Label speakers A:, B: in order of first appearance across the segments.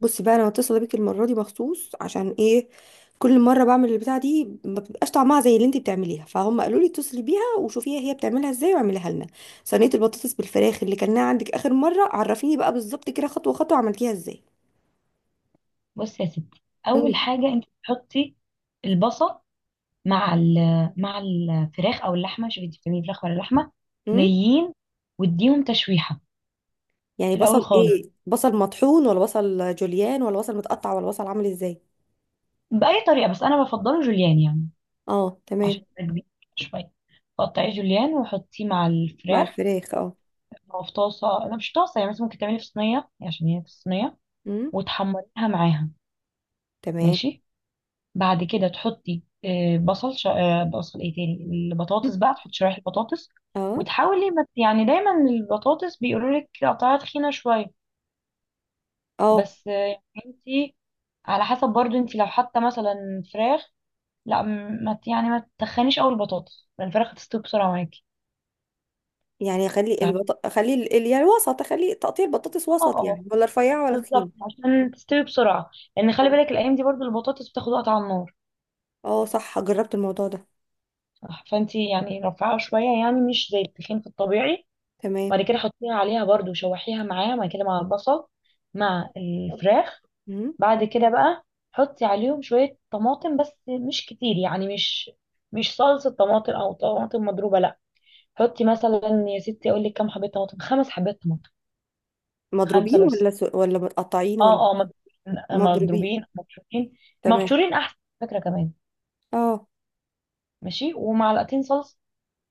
A: بصي بقى، انا متصله بيك المره دي مخصوص عشان ايه. كل مره بعمل البتاعه دي ما بتبقاش طعمها زي اللي انت بتعمليها، فهم قالوا لي اتصلي بيها وشوفيها هي بتعملها ازاي واعمليها لنا صينيه البطاطس بالفراخ اللي كلناها عندك اخر مره. عرفيني بقى بالظبط كده خطوه خطوه عملتيها ازاي.
B: بص يا ستي، اول
A: امم
B: حاجه انت تحطي البصل مع ال مع الفراخ او اللحمه. شوفي، انت بتعملي فراخ ولا لحمه
A: امم
B: نيين؟ واديهم تشويحه
A: يعني
B: في الاول
A: بصل
B: خالص
A: ايه؟ بصل مطحون ولا بصل جوليان ولا بصل متقطع ولا بصل عامل ازاي؟
B: باي طريقه، بس انا بفضله جوليان يعني،
A: اه
B: عشان
A: تمام.
B: يبقى كبير شويه. قطعي جوليان وحطيه مع
A: مع
B: الفراخ.
A: الفراخ اه.
B: هو في طاسه، لا مش طاسه، يعني مثلا ممكن تعملي في صينيه يعني، عشان هي في الصينيه
A: امم.
B: وتحمريها معاها.
A: تمام.
B: ماشي. بعد كده تحطي آه، بصل ش... آه، بصل ايه تاني، البطاطس بقى، تحطي شرايح البطاطس،
A: اه
B: وتحاولي ما... يعني دايما البطاطس بيقولوا لك قطعها تخينه شويه،
A: اه.
B: بس انتي على حسب برضو، انتي لو حاطه مثلا فراخ، لا، م- ما ت- يعني ما تتخنيش قوي البطاطس، لان الفراخ هتستوي بسرعه معاكي.
A: يعني خلي
B: اه،
A: البط... خلي ال... ال- يعني الوسط، خلي تقطيع البطاطس وسط
B: اه
A: يعني، ولا رفيعة ولا تخينة؟
B: بالظبط، عشان تستوي بسرعه، لان خلي
A: اه.
B: بالك الايام دي برضو البطاطس بتاخد وقت على النار.
A: اه صح، جربت الموضوع ده.
B: فانتي يعني رفعها شويه، يعني مش زي التخين في الطبيعي.
A: تمام.
B: بعد كده حطيها عليها برضو، شوحيها معاه بعد كده مع البصل، مع الفراخ.
A: مم.
B: بعد كده بقى حطي عليهم شوية طماطم بس، مش كتير يعني، مش صلصة طماطم أو طماطم مضروبة، لأ. حطي مثلا، يا ستي أقول لك، كام حبة طماطم، خمس حبات طماطم. خمسة
A: مضروبين
B: بس.
A: ولا ولا متقطعين ولا؟
B: اه اه، مضروبين.
A: مضروبين.
B: مضروبين مبشورين.
A: تمام.
B: مبشورين أحسن فكرة كمان.
A: اه.
B: ماشي، ومعلقتين صلصة،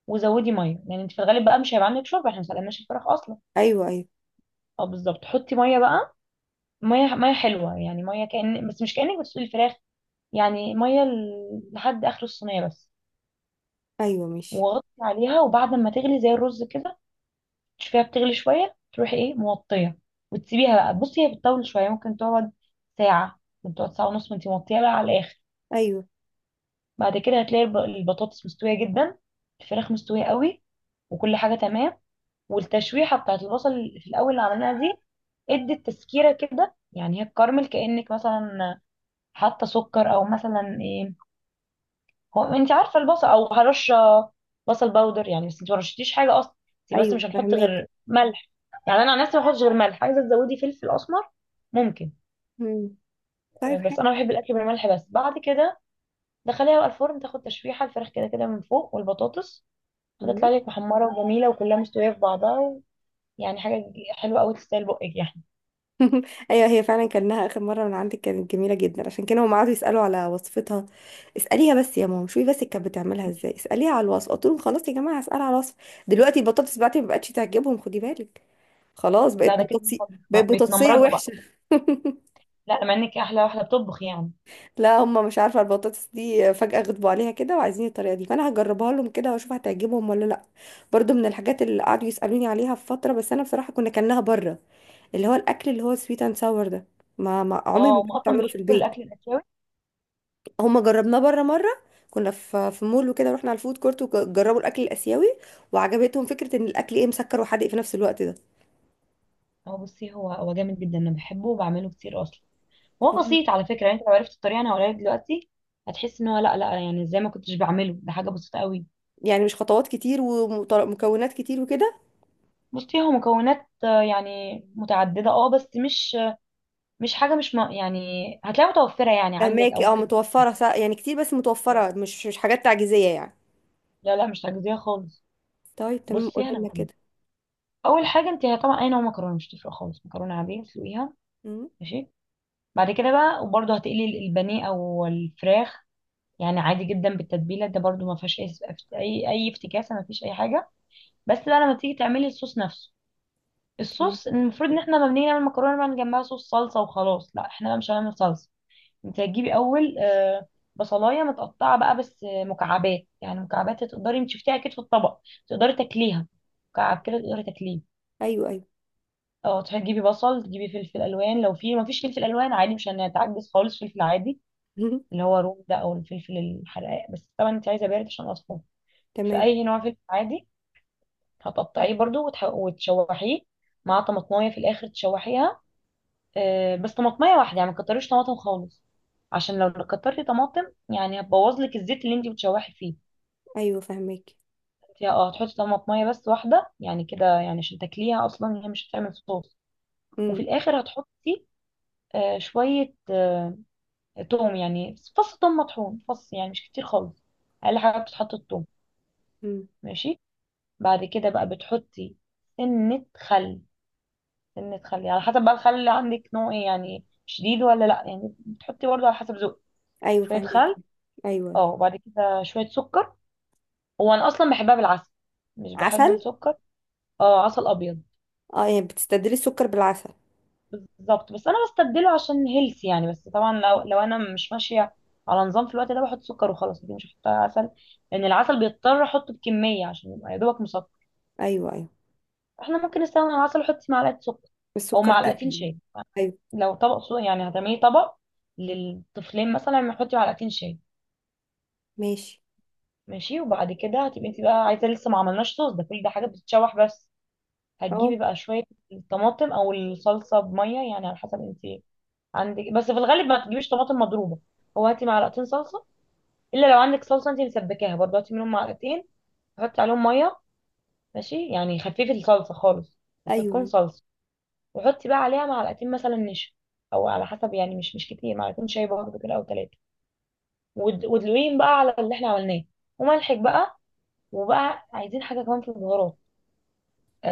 B: وزودي ميه، يعني انت في الغالب بقى مش هيبقى عندك شوربه، احنا ما سلقناش الفراخ اصلا.
A: ايوه، ايوه،
B: اه بالظبط، حطي ميه بقى. ميه ميه حلوه يعني، ميه كأن، بس مش كأنك بتسلقي الفراخ، يعني ميه لحد اخر الصينيه بس.
A: ايوه. ماشي.
B: وغطي عليها، وبعد ما تغلي زي الرز كده، تشوفيها بتغلي شويه تروحي ايه، موطيه. وتسيبيها بقى، بصي هي بتطول شويه، ممكن تقعد ساعه، ممكن تقعد ساعه ونص ما انتي موطيه بقى على الاخر.
A: ايوه.
B: بعد كده هتلاقي البطاطس مستويه جدا، الفراخ مستويه قوي، وكل حاجه تمام. والتشويحه بتاعت البصل في الاول اللي عملناها دي ادت تسكيره كده، يعني هي الكراميل، كأنك مثلا حاطه سكر او مثلا ايه، هو انت عارفه البصل او هرشه، بصل باودر يعني، بس انت ما رشتيش حاجه اصلا. انت بس
A: ايوه
B: مش هنحط
A: فهماك.
B: غير ملح، يعني انا عن نفسي ما بحطش غير ملح. عايزه تزودي فلفل اسمر، ممكن.
A: مم. طيب.
B: بس انا بحب الاكل بالملح. بس بعد كده دخليها بقى الفرن، تاخد تشويحه، الفراخ كده كده من فوق، والبطاطس
A: حلو.
B: هتطلع لك محمره وجميله، وكلها مستويه في بعضها، ويعني حاجه حلوه قوي، تستاهل بقك يعني.
A: ايوه، هي فعلا كانها اخر مره من عندك كانت جميله جدا، عشان كده هم قعدوا يسالوا على وصفتها. اساليها بس يا ماما، شوفي بس كانت بتعملها ازاي، اساليها على الوصف. قلت لهم خلاص يا جماعه، هسال على الوصف. دلوقتي البطاطس بتاعتي ما بقتش تعجبهم، خدي بالك. خلاص
B: لا
A: بقت
B: ده كده
A: بطاطسي.
B: هم
A: بقت بطاطسيه
B: بيتنمرضوا بقى.
A: وحشه.
B: لا، مع انك احلى واحده بتطبخ يعني.
A: لا، هم مش عارفه، البطاطس دي فجاه غضبوا عليها كده وعايزين الطريقه دي، فانا هجربها لهم كده واشوف هتعجبهم ولا لا. برضو من الحاجات اللي قعدوا يسالوني عليها في فتره، بس انا بصراحه كنا كانها بره، اللي هو الاكل اللي هو سويت اند ساور ده. ما عمري
B: اه،
A: ما
B: هم
A: كنت
B: اصلا
A: بعمله في
B: بيحبوا
A: البيت.
B: الاكل الاسيوي.
A: هما جربناه بره مره، كنا في مول وكده، رحنا على الفود كورت وجربوا الاكل الاسيوي، وعجبتهم فكره ان الاكل ايه، مسكر وحادق في نفس الوقت ده.
B: هو بصي، هو جامد جدا، انا بحبه وبعمله كتير اصلا. هو
A: مم.
B: بسيط على فكره، يعني انت لو عرفت الطريقه انا هقولها لك دلوقتي، هتحس ان هو، لا لا، يعني ازاي ما كنتش بعمله، ده حاجه بسيطه قوي.
A: يعني مش خطوات كتير ومكونات كتير وكده؟
B: بصي، هو مكونات يعني متعدده، اه، بس مش حاجه مش م- يعني هتلاقيها متوفره يعني عندك، او
A: فهماكي، اه
B: ممكن
A: متوفره يعني كتير، بس
B: تطلب.
A: متوفره، مش مش حاجات تعجيزيه يعني.
B: لا لا، مش تجزيه خالص.
A: طيب تمام،
B: بصي
A: قولي
B: انا
A: لنا
B: هقول.
A: كده.
B: اول حاجه، انت طبعا اي نوع مكرونه مش تفرق خالص، مكرونه عاديه تسلقيها.
A: مم،
B: ماشي. بعد كده بقى، وبرضه هتقلي البانيه او الفراخ يعني عادي جدا بالتتبيله ده، برضو ما فيهاش اي اي افتكاسه، ما فيش اي حاجه. بس بقى لما تيجي تعملي الصوص نفسه،
A: تمام.
B: الصوص المفروض ان احنا لما بنيجي نعمل مكرونه نعمل جنبها صوص صلصه وخلاص، لا احنا بقى مش هنعمل صلصه. انت هتجيبي اول بصلايه متقطعه بقى، بس مكعبات يعني، مكعبات تقدري، انت شفتيها اكيد في الطبق، تقدري تاكليها، مكعب كده تقدري تاكليه.
A: ايوه ايوه.
B: اه، تجيبي بصل، تجيبي فلفل الوان، لو في، ما فيش فلفل الوان عادي، مش هنتعجز خالص، فلفل عادي
A: مم،
B: اللي هو روم ده، او الفلفل الحراق، بس طبعا انت عايزه بارد عشان اطفال، في
A: تمام.
B: اي نوع فلفل عادي. هتقطعيه برضو وتشوحيه مع طماطمايه، في الاخر تشوحيها، بس طماطمايه واحده يعني، ما تكتريش طماطم خالص، عشان لو كترتي طماطم يعني هتبوظ لك الزيت اللي انت بتشوحي فيه.
A: ايوه فهماكي.
B: انت اه، هتحطي طماطمايه بس واحده، يعني كده، يعني عشان تاكليها اصلا، هي مش هتعمل صوص.
A: مم،
B: وفي الاخر هتحطي شويه توم، يعني فص توم مطحون، فص يعني مش كتير خالص، اقل حاجه بتتحط التوم.
A: مم،
B: ماشي. بعد كده بقى بتحطي سنه خل سنة خل، على حسب بقى الخل اللي عندك نوع ايه، يعني شديد ولا لا، يعني بتحطي برضه على حسب ذوقك،
A: ايوه
B: شوية
A: فهماكي.
B: خل.
A: ايوه أيوه.
B: اه، وبعد كده شوية سكر. هو انا اصلا بحبها بالعسل، مش بحب
A: عسل.
B: السكر. اه، عسل ابيض.
A: اه، يعني بتستبدلي السكر بالعسل؟
B: بالظبط، بس انا بستبدله عشان هيلثي يعني، بس طبعا لو انا مش ماشية على نظام في الوقت ده، بحط سكر وخلاص، دي مش هحط عسل، لان العسل بيضطر احطه بكمية عشان يبقى يا دوبك مسكر.
A: ايوه ايوه.
B: احنا ممكن نستخدم العسل ونحط معلقة سكر، او
A: السكر لا،
B: معلقتين
A: اسهل.
B: شاي.
A: ايوه.
B: لو طبق سو يعني، هتعملي طبق للطفلين مثلا، هنحطي معلقتين شاي.
A: ماشي.
B: ماشي. وبعد كده هتبقي انت بقى عايزه، لسه ما عملناش صوص، ده كل ده حاجه بتتشوح بس. هتجيبي
A: اه.
B: بقى شويه الطماطم او الصلصه بميه، يعني على حسب انت عندك، بس في الغالب ما تجيبيش طماطم مضروبه، هو هاتي معلقتين صلصه، الا لو عندك صلصه انت مسبكاها برضه، هاتي منهم معلقتين، حطي عليهم ميه، ماشي، يعني خففي الصلصه خالص، بس
A: ايوه
B: تكون
A: أيوة.
B: صلصه. وحطي بقى عليها معلقتين مثلا نشا، او على حسب يعني، مش كتير، معلقتين شاي برضه كده، او ثلاثه. ودلوين بقى على اللي احنا عملناه، وملحك بقى. وبقى عايزين حاجة كمان في البهارات،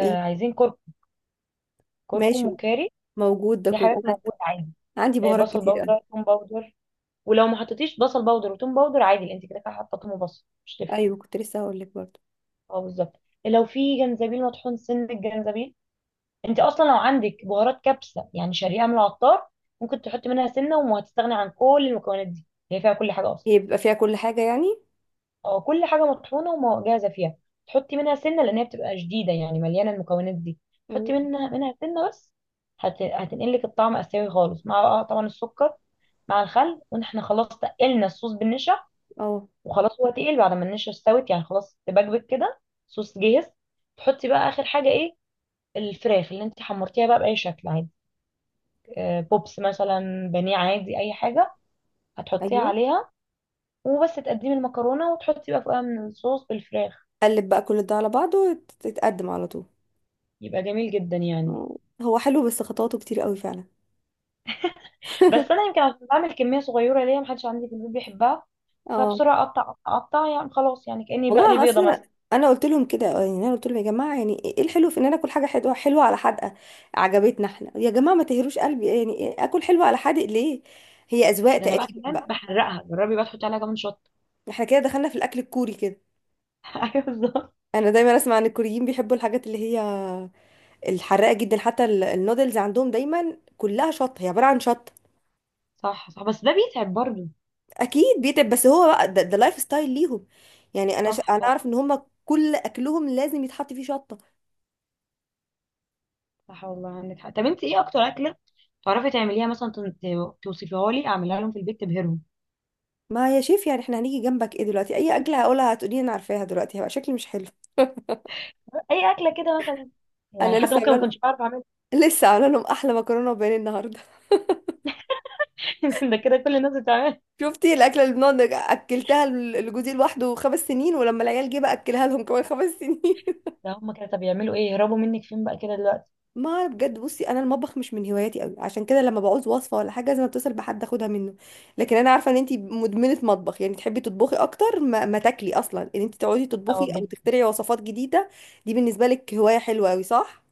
A: ايه؟
B: عايزين كرك كركم
A: ماشي.
B: وكاري.
A: موجود ده
B: دي
A: كله.
B: حاجات موجودة عادي.
A: انا عندي بهارات
B: بصل
A: كتير قوي.
B: باودر، توم باودر، ولو ما حطيتيش بصل باودر وتوم باودر عادي، انت كده كده حاطه توم وبصل، مش تفرق.
A: ايوه، كنت لسه هقول لك برضه.
B: اه بالظبط. لو في جنزبيل مطحون، سن الجنزبيل. انت اصلا لو عندك بهارات كبسة يعني، شاريها من العطار، ممكن تحطي منها سنة وهتستغني عن كل المكونات دي، هي فيها كل حاجة اصلا.
A: هي بيبقى فيها كل حاجه يعني؟
B: اه، كل حاجه مطحونه ومجهزه فيها، تحطي منها سنه، لان هي بتبقى شديده يعني، مليانه المكونات دي.
A: مم.
B: تحطي منها سنه بس، هتنقلك الطعم اسيوي خالص، مع بقى طبعا السكر مع الخل، واحنا خلاص تقلنا الصوص بالنشا،
A: اه.
B: وخلاص هو تقيل بعد ما النشا استوت يعني، خلاص تبكبك كده، صوص جاهز. تحطي بقى اخر حاجه ايه، الفراخ اللي انت حمرتيها بقى باي شكل عادي، بوبس مثلا، بانيه عادي، اي حاجه، هتحطيها
A: ايوه.
B: عليها. وبس تقدمي المكرونه وتحطي بقى فوقها من الصوص بالفراخ،
A: قلب بقى كل ده على بعضه تتقدم على طول.
B: يبقى جميل جدا يعني.
A: مم. هو حلو، بس خطواته كتير قوي فعلا.
B: بس انا يمكن عشان بعمل كميه صغيره ليا، محدش عندي في البيت بيحبها،
A: اه.
B: فبسرعه اقطع اقطع أقطع، يعني خلاص، يعني كاني
A: والله
B: بقلي
A: انا
B: بيضه
A: اصلا،
B: مثلا.
A: انا قلت لهم كده، يعني انا قلت لهم يا جماعه، يعني ايه إيه الحلو في ان انا اكل حاجه حلوه حلوه على حدقه؟ عجبتنا احنا يا جماعه، ما تهروش قلبي، يعني إيه اكل حلوه على حادق ليه؟ هي اذواق
B: ده انا بقى
A: تقريبا
B: كمان
A: بقى.
B: بحرقها، جربي بقى تحطي عليها كمان شطه.
A: احنا كده دخلنا في الاكل الكوري كده.
B: ايوه بالظبط.
A: انا دايما اسمع ان الكوريين بيحبوا الحاجات اللي هي الحراقه جدا، حتى النودلز عندهم دايما كلها شطه، هي عباره عن شطه.
B: صح صح، بس ده بيتعب برضه.
A: اكيد بيتعب، بس هو بقى ده لايف ستايل ليهم. يعني انا
B: صح
A: انا
B: صح.
A: اعرف ان هم كل اكلهم لازم يتحط فيه شطه.
B: صح والله عندك حق. طب انت ايه اكتر اكله تعرفي تعمليها، مثلا توصفيها لي اعملها لهم في البيت تبهرهم؟
A: ما يا شيف، يعني احنا هنيجي جنبك ايه دلوقتي، اي اكله هقولها هتقولي لي انا عارفاها، دلوقتي هيبقى شكلي مش حلو.
B: اي اكله كده مثلا، يعني
A: انا
B: حتى
A: لسه
B: ممكن
A: عامله
B: ما
A: لهم،
B: كنتش بعرف اعملها.
A: لسه عامله لهم احلى مكرونه وبانيه النهارده.
B: ده كده كل الناس بتعملها.
A: شفتي الاكله اللي اكلتها لجوزي لوحده خمس سنين، ولما العيال جه بقى اكلها لهم كمان خمس سنين.
B: ده هم كده طب يعملوا ايه، يهربوا منك فين بقى كده دلوقتي.
A: ما أعرف بجد. بصي انا المطبخ مش من هواياتي قوي، عشان كده لما بعوز وصفه ولا حاجه لازم اتصل بحد اخدها منه. لكن انا عارفه ان انتي مدمنه مطبخ، يعني تحبي تطبخي اكتر ما تاكلي اصلا، ان انتي تقعدي تطبخي
B: اه.
A: او تخترعي وصفات جديده. دي بالنسبه لك هوايه حلوه قوي، صح؟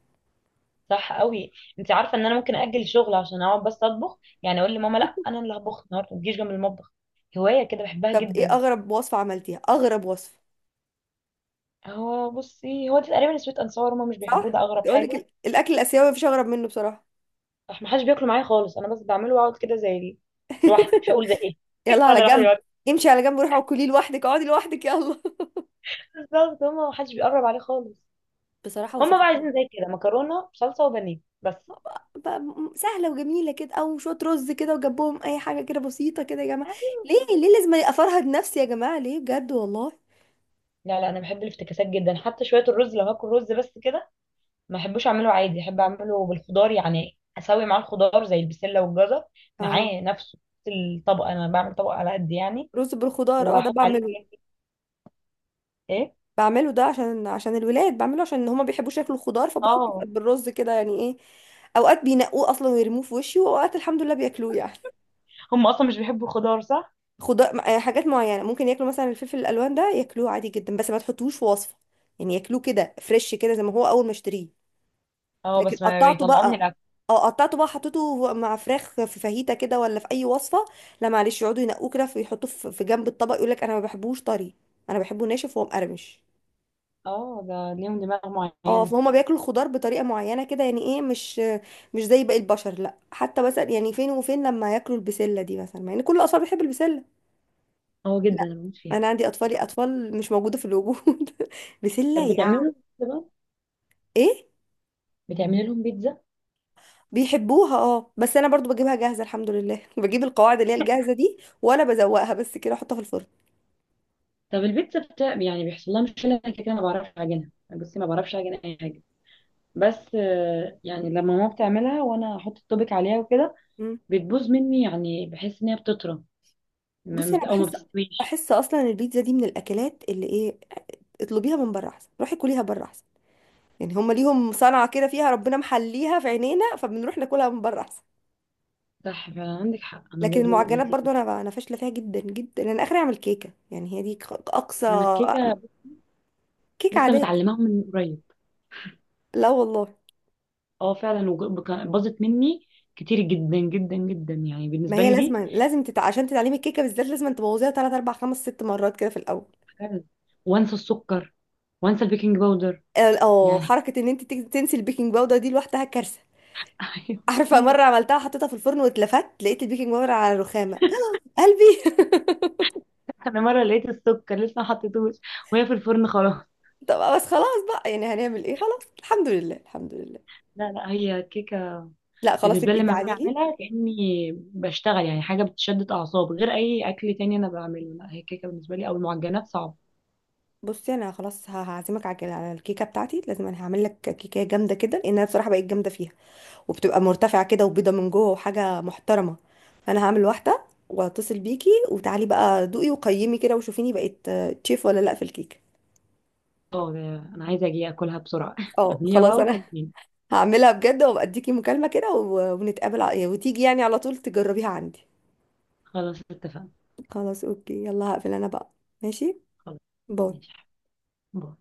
B: صح قوي. انت عارفه ان انا ممكن اجل شغل عشان اقعد بس اطبخ، يعني اقول لماما لا انا اللي هطبخ النهارده، ما تجيش جنب المطبخ. هوايه كده بحبها
A: طب ايه
B: جدا.
A: اغرب وصفة عملتيها؟ اغرب وصفة.
B: هو بصي، هو دي تقريبا سويت انصار، هما مش بيحبوه،
A: صح.
B: ده اغرب
A: تقول
B: حاجه.
A: لك الاكل الاسيوي مفيش اغرب منه بصراحة.
B: راح ما حدش بياكله معايا خالص، انا بس بعمله واقعد كده لوحدي، مش هقول زي ايه.
A: يلا
B: انا
A: على
B: لوحدي
A: جنب.
B: لوحدي.
A: امشي على جنب، روحي وكلي لوحدك، اقعدي لوحدك، يلا.
B: بالظبط، هما ما حدش بيقرب عليه خالص.
A: بصراحة.
B: هما
A: وصفات
B: بقى عايزين زي كده، مكرونه بصلصه وبانيه بس.
A: بقى سهلة وجميلة كده، او شوية رز كده وجنبهم اي حاجة كده بسيطة كده يا جماعة. ليه ليه لازم افرهد نفسي يا جماعة، ليه بجد والله.
B: لا لا، انا بحب الافتكاسات جدا، حتى شويه الرز، لو هاكل رز بس كده ما احبوش، اعمله عادي، احب اعمله بالخضار يعني، اسوي معاه الخضار زي البسله والجزر
A: اه.
B: معاه نفسه في الطبق. انا بعمل طبق على قد يعني،
A: رز بالخضار، اه ده
B: واحط عليه
A: بعمله.
B: كده، ايه.
A: بعمله ده عشان عشان الولاد، بعمله عشان هما بيحبوش ياكلوا خضار، فبحطه
B: اه،
A: بالرز كده، يعني ايه. اوقات بينقوه اصلا ويرموه في وشي، واوقات الحمد لله بياكلوه يعني.
B: هم اصلا مش بيحبوا الخضار، صح.
A: خضار حاجات معينه ممكن ياكلوا، مثلا الفلفل الالوان ده ياكلوه عادي جدا، بس ما تحطوش في وصفه. يعني ياكلوه كده فريش كده، زي ما هو، اول ما اشتريه.
B: اه،
A: لكن
B: بس ما
A: قطعته
B: بيطلعوه من
A: بقى،
B: الاكل.
A: اه قطعته بقى حطيته مع فراخ في فاهيتا كده ولا في اي وصفه، لا، معلش يقعدوا ينقوه كده ويحطوه في جنب الطبق، يقول لك انا ما بحبوش طري، انا بحبه ناشف وهو مقرمش.
B: اه، ده ليهم دماغ
A: اه
B: معينه.
A: فهم بياكلوا الخضار بطريقه معينه كده، يعني ايه، مش مش زي باقي البشر. لا، حتى مثلا يعني فين وفين لما ياكلوا البسله دي مثلا، مع ان كل الاطفال بتحب البسله.
B: اه جدا، انا بموت فيها.
A: انا عندي اطفالي اطفال مش موجوده في الوجود. بسله
B: طب بتعملي
A: يعني
B: لهم بيتزا بقى؟
A: ايه.
B: بتعملي لهم بيتزا؟
A: بيحبوها اه، بس انا برضو بجيبها جاهزه الحمد لله، بجيب القواعد اللي هي الجاهزه دي ولا بزوقها بس كده، احطها في الفرن.
B: طب البيتزا بتاع، يعني بيحصل لها مشكله، أنا كده كده ما بعرفش اعجنها، بصي ما بعرفش اعجن اي حاجه، بس يعني لما ماما بتعملها وانا احط التوبيك عليها وكده،
A: مم.
B: بتبوظ مني يعني، بحس ان هي بتطرى
A: بصي انا
B: او ما
A: بحس،
B: بتستويش.
A: بحس اصلا البيتزا دي من الاكلات اللي ايه، اطلبيها من بره احسن، روحي كليها بره احسن. يعني هم ليهم صنعه كده فيها ربنا محليها في عينينا، فبنروح ناكلها من بره احسن.
B: صح فعلا عندك حق، انا
A: لكن
B: برضو ماما
A: المعجنات
B: قالت لي
A: برضو
B: كده.
A: انا انا فاشله فيها جدا جدا. انا اخري اعمل كيكه، يعني هي دي اقصى.
B: انا الكيكه
A: كيكه
B: لسه
A: عاديه.
B: متعلماها من قريب.
A: لا والله.
B: اه فعلا، باظت مني كتير جدا جدا جدا يعني،
A: ما
B: بالنسبه
A: هي
B: لي
A: لازم
B: دي
A: لازم عشان تتعلمي الكيكه بالذات لازم تبوظيها 3 4 5 6 مرات كده في الاول.
B: حاجة- وانسى السكر، وانسى البيكنج باودر
A: اه
B: يعني.
A: حركه ان انت تنسي البيكنج باودر دي لوحدها كارثه.
B: ايوه
A: عارفه
B: كتير.
A: مره عملتها حطيتها في الفرن، واتلفت لقيت البيكنج باودر على الرخامه. قلبي.
B: انا مره لقيت السكر لسه ما حطيتوش وهي في الفرن خلاص.
A: طب بس خلاص بقى، يعني هنعمل ايه، خلاص الحمد لله الحمد لله.
B: لا لا، هي كيكه
A: لا خلاص،
B: بالنسبة
A: يبقى
B: لي
A: انت
B: لما باجي
A: علي لي.
B: اعملها كأني بشتغل، يعني حاجة بتشدد اعصاب غير اي اكل تاني انا بعمله. لا، هي كيكة بالنسبة لي او المعجنات صعبة.
A: بصي انا خلاص هعزمك على على الكيكه بتاعتي، لازم انا هعمل لك كيكه جامده كده، لان انا بصراحه بقيت جامده فيها، وبتبقى مرتفعة كده وبيضة من جوه وحاجة محترمة. فأنا هعمل واحدة واتصل بيكي وتعالي بقى دوقي وقيمي كده وشوفيني بقيت تشيف ولا لأ في الكيكة.
B: اه. ده انا عايزة اجي اكلها بسرعة.
A: اه
B: اعمليها
A: خلاص
B: بقى
A: انا
B: وكلميني.
A: هعملها بجد وابقى اديكي مكالمة كده ونتقابل وتيجي يعني على طول تجربيها عندي.
B: خلاص اتفقنا.
A: خلاص اوكي، يلا هقفل انا بقى. ماشي.
B: خلاص.
A: باي.
B: ماشي. باي.